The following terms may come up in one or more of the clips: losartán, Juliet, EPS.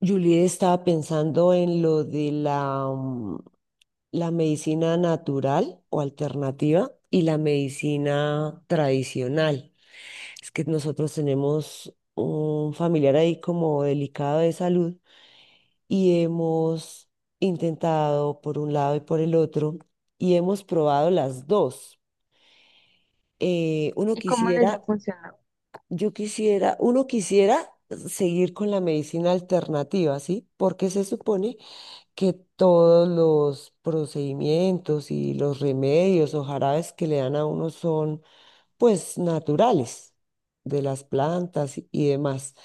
Juliet estaba pensando en lo de la la medicina natural o alternativa y la medicina tradicional. Es que nosotros tenemos un familiar ahí como delicado de salud y hemos intentado por un lado y por el otro y hemos probado las dos. Uno ¿Y cómo les quisiera, ha funcionado? yo quisiera, uno quisiera seguir con la medicina alternativa, ¿sí? Porque se supone que todos los procedimientos y los remedios o jarabes que le dan a uno son pues naturales de las plantas y demás.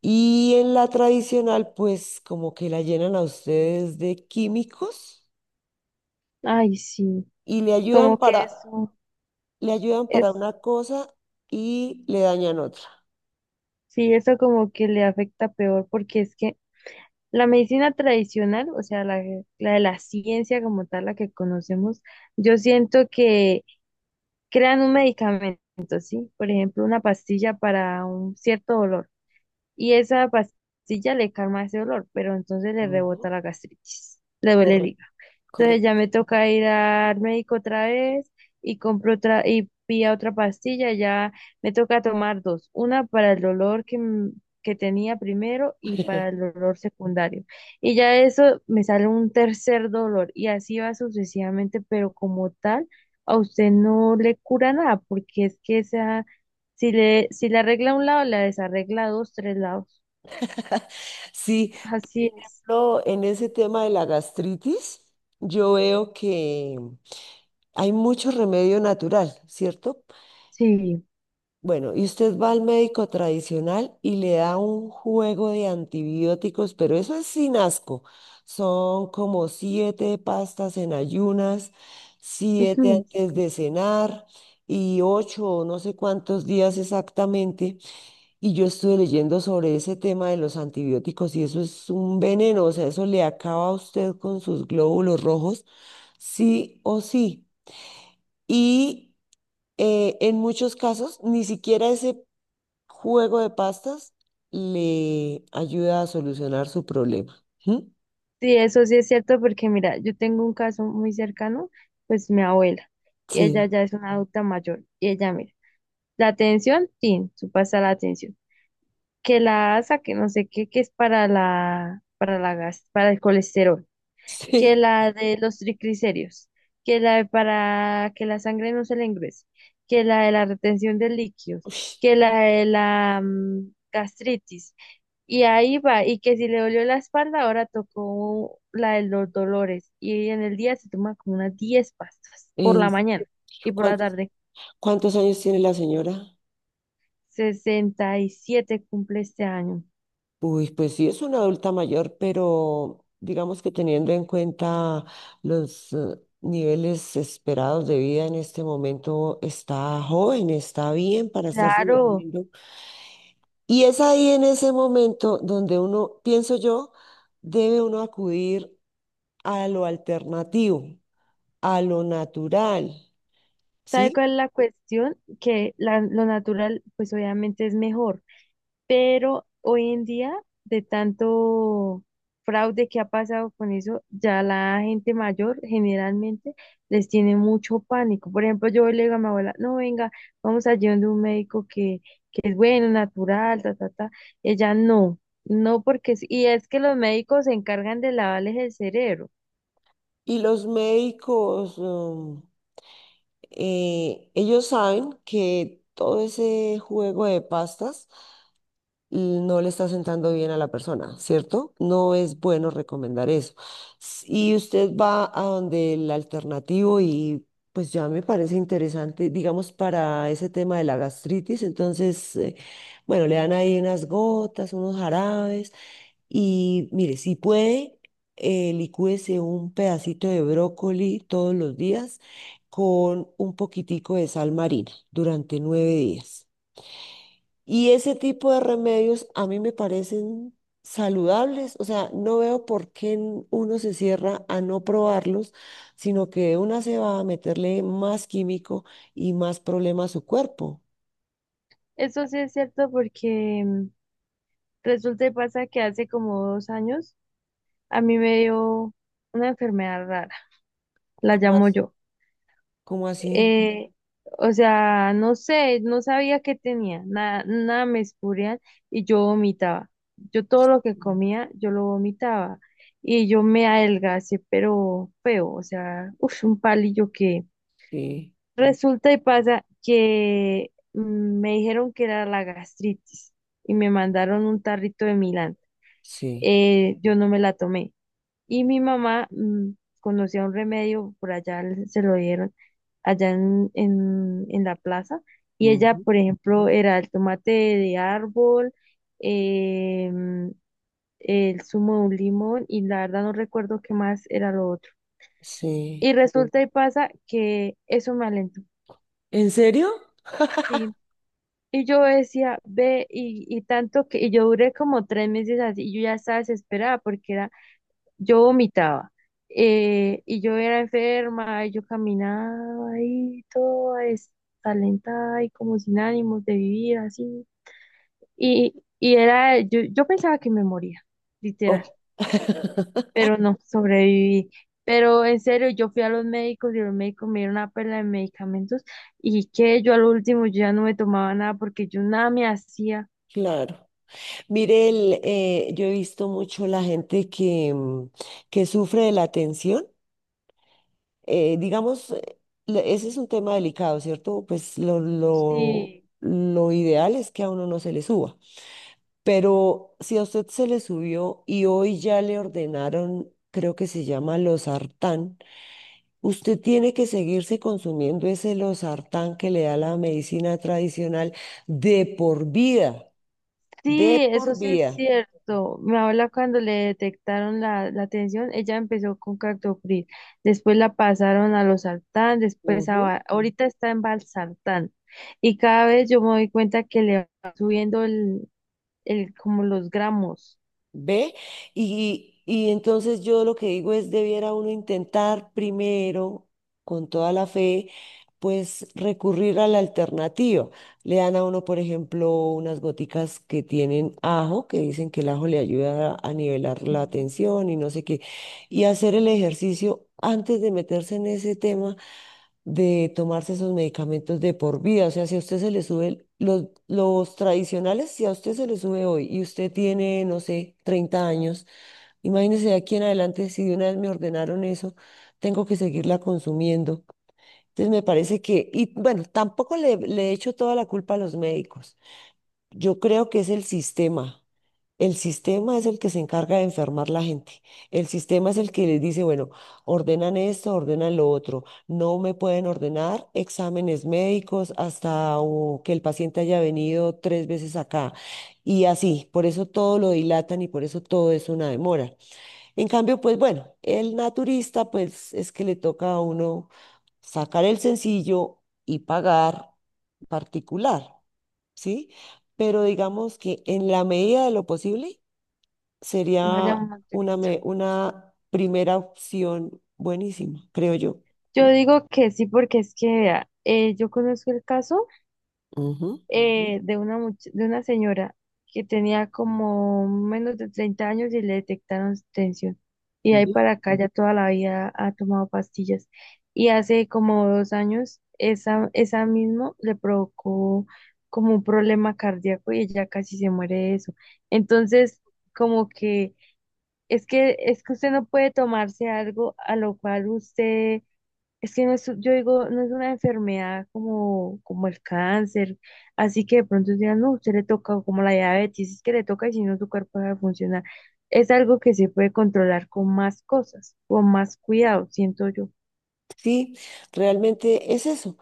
Y en la tradicional pues como que la llenan a ustedes de químicos Ay, sí. y Y como que eso le ayudan para es, una cosa y le dañan otra. sí, eso como que le afecta peor, porque es que la medicina tradicional, o sea, la de la ciencia como tal, la que conocemos, yo siento que crean un medicamento, ¿sí? Por ejemplo, una pastilla para un cierto dolor, y esa pastilla le calma ese dolor, pero entonces le Ujú. rebota la gastritis, le duele el Correcto, hígado. Entonces ya correcto. me toca ir al médico otra vez y compro otra y pilla otra pastilla, ya me toca tomar dos, una para el dolor que tenía primero y para el dolor secundario. Y ya eso me sale un tercer dolor y así va sucesivamente, pero como tal, a usted no le cura nada, porque es que esa, si le, si le arregla un lado, la desarregla dos, tres lados. Sí, por Así es. ejemplo, en ese tema de la gastritis, yo veo que hay mucho remedio natural, ¿cierto? Sí. Bueno, y usted va al médico tradicional y le da un juego de antibióticos, pero eso es sin asco. Son como siete pastas en ayunas, siete antes de cenar y ocho o no sé cuántos días exactamente. Y yo estuve leyendo sobre ese tema de los antibióticos y eso es un veneno, o sea, eso le acaba a usted con sus glóbulos rojos, sí o sí. Y en muchos casos, ni siquiera ese juego de pastas le ayuda a solucionar su problema. ¿Mm? Sí, eso sí es cierto porque mira, yo tengo un caso muy cercano, pues mi abuela, y ella Sí, ya es una adulta mayor, y ella mira, la atención, tin, su pasa la atención, que la asa, que no sé qué, que es para la gas, para el colesterol, que sí. la de los triglicéridos, que la de para que la sangre no se le engrese, que la de la retención de líquidos, Ush, que la de la gastritis. Y ahí va, y que si le dolió la espalda, ahora tocó la de los dolores. Y en el día se toma como unas 10 pastas por en- la mañana y por la ¿cuántos, tarde. cuántos años tiene la señora? 67 cumple este año. Uy, pues sí, es una adulta mayor, pero digamos que teniendo en cuenta los niveles esperados de vida en este momento, está joven, está bien para estarse Claro, metiendo. Y es ahí en ese momento donde uno, pienso yo, debe uno acudir a lo alternativo, a lo natural. ¿sabe ¿Sí? cuál es la cuestión? Que la- lo natural, pues obviamente es mejor. Pero hoy en día, de tanto fraude que ha pasado con eso, ya la gente mayor generalmente les tiene mucho pánico. Por ejemplo, yo le digo a mi abuela, no, venga, vamos allí donde un médico que es bueno, natural, ta, ta, ta. Ella no, no porque, y es que los médicos se encargan de lavarles el cerebro. Y los médicos, ellos saben que todo ese juego de pastas no le está sentando bien a la persona, ¿cierto? No es bueno recomendar eso. Y usted va a donde el alternativo y pues ya me parece interesante, digamos, para ese tema de la gastritis, entonces, bueno, le dan ahí unas gotas, unos jarabes y mire, si puede, licúese un pedacito de brócoli todos los días con un poquitico de sal marina durante 9 días. Y ese tipo de remedios a mí me parecen saludables, o sea, no veo por qué uno se cierra a no probarlos, sino que de una se va a meterle más químico y más problema a su cuerpo. Eso sí es cierto porque resulta y pasa que hace como 2 años a mí me dio una enfermedad rara, la ¿Cómo, llamo yo. cómo así? Eh, o sea, no sé, no sabía qué tenía, nada, nada me escurrían y yo vomitaba. Yo todo lo que Mm. comía, yo lo vomitaba y yo me adelgacé, pero feo, o sea, uf, un palillo que Sí, resulta y pasa que me dijeron que era la gastritis y me mandaron un tarrito de Milán. sí, Yo no me la tomé. Y mi mamá conocía un remedio, por allá se lo dieron, allá en la plaza. Y ella, ujú, por ejemplo, era el tomate de árbol, em, el zumo de un limón y la verdad no recuerdo qué más era lo otro. Y sí. resulta y pasa que eso me alentó. ¿En serio? Sí. Y yo decía, ve, y tanto que, y yo duré como 3 meses así, y yo ya estaba desesperada porque era yo vomitaba. Eh, y yo era enferma, y yo caminaba ahí toda destalentada y como sin ánimos de vivir así. Y era, yo pensaba que me moría, literal, Oh, pero no, sobreviví. Pero en serio, yo fui a los médicos y los médicos me dieron una perla de medicamentos y que yo al último yo ya no me tomaba nada porque yo nada me hacía. claro. Mire, el, yo he visto mucho la gente que, que sufre de la tensión. Digamos, ese es un tema delicado, ¿cierto? Pues Sí. lo ideal es que a uno no se le suba, pero si a usted se le subió y hoy ya le ordenaron, creo que se llama losartán, usted tiene que seguirse consumiendo ese losartán que le da la medicina tradicional de por vida, de Sí, eso por sí es vida. cierto. Mi abuela cuando le detectaron la tensión, ella empezó con captopril, después la pasaron a los sartán, después a, va- ahorita está en valsartán y cada vez yo me doy cuenta que le va subiendo el como los gramos. ¿Ve? Y entonces yo lo que digo es, debiera uno intentar primero, con toda la fe, pues recurrir a la alternativa. Le dan a uno, por ejemplo, unas goticas que tienen ajo, que dicen que el ajo le ayuda a nivelar Sí. la tensión y no sé qué, y hacer el ejercicio antes de meterse en ese tema de tomarse esos medicamentos de por vida. O sea, si a usted se le sube, los tradicionales, si a usted se le sube hoy y usted tiene, no sé, 30 años, imagínese de aquí en adelante, si de una vez me ordenaron eso, tengo que seguirla consumiendo. Entonces me parece que, y bueno, tampoco le, le echo toda la culpa a los médicos. Yo creo que es el sistema. El sistema es el que se encarga de enfermar la gente. El sistema es el que les dice, bueno, ordenan esto, ordenan lo otro. No me pueden ordenar exámenes médicos hasta o, que el paciente haya venido 3 veces acá. Y así, por eso todo lo dilatan y por eso todo es una demora. En cambio, pues bueno, el naturista, pues es que le toca a uno sacar el sencillo y pagar particular, ¿sí? Pero digamos que en la medida de lo posible Vaya sería un una, motorista. una primera opción buenísima, creo yo. Yo digo que sí porque es que vea, yo conozco el caso Ujú. De una, de una señora que tenía como menos de 30 años y le detectaron tensión. Y ahí Ujú. para acá ya toda la vida ha tomado pastillas. Y hace como 2 años, esa mismo le provocó como un problema cardíaco y ella casi se muere de eso. Entonces, como que es que usted no puede tomarse algo a lo cual usted es que no es, yo digo, no es una enfermedad como, como el cáncer, así que de pronto digan, no, usted le toca, o como la diabetes, es que le toca y si no su cuerpo va a funcionar. Es algo que se puede controlar con más cosas, con más cuidado, siento yo. Sí, realmente es eso.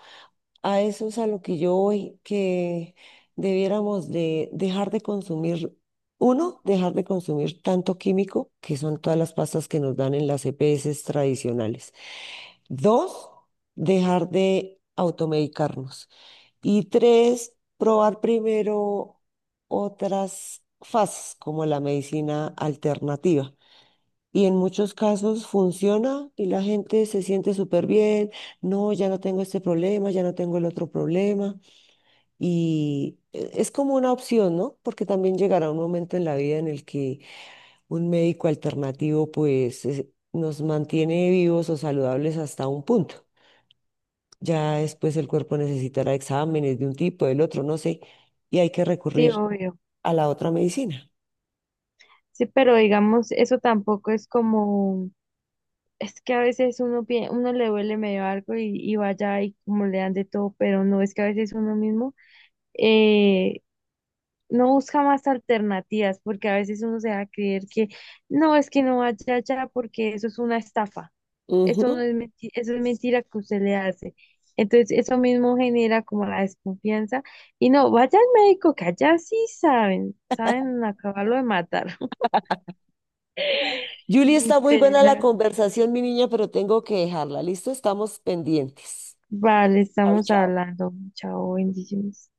A eso es a lo que yo voy, que debiéramos de dejar de consumir, uno, dejar de consumir tanto químico, que son todas las pastas que nos dan en las EPS tradicionales. Dos, dejar de automedicarnos. Y tres, probar primero otras fases como la medicina alternativa. Y en muchos casos funciona y la gente se siente súper bien. No, ya no tengo este problema, ya no tengo el otro problema. Y es como una opción, ¿no? Porque también llegará un momento en la vida en el que un médico alternativo nos mantiene vivos o saludables hasta un punto. Ya después el cuerpo necesitará exámenes de un tipo, del otro, no sé, y hay que Sí, recurrir obvio. a la otra medicina. Sí, pero digamos, eso tampoco es como, es que a veces uno, uno le duele medio algo y vaya y como le dan de todo, pero no, es que a veces uno mismo eh, no busca más alternativas, porque a veces uno se va a creer que no, es que no vaya allá porque eso es una estafa, eso no Ujú. es mentira, eso es mentira que usted le hace. Entonces, eso mismo genera como la desconfianza y no, vaya al médico, que allá sí saben, saben acabarlo de matar. Julie, está muy buena la Literal. conversación, mi niña, pero tengo que dejarla. Listo, estamos pendientes. Vale, Chao, estamos chao. hablando. Chao, bendiciones.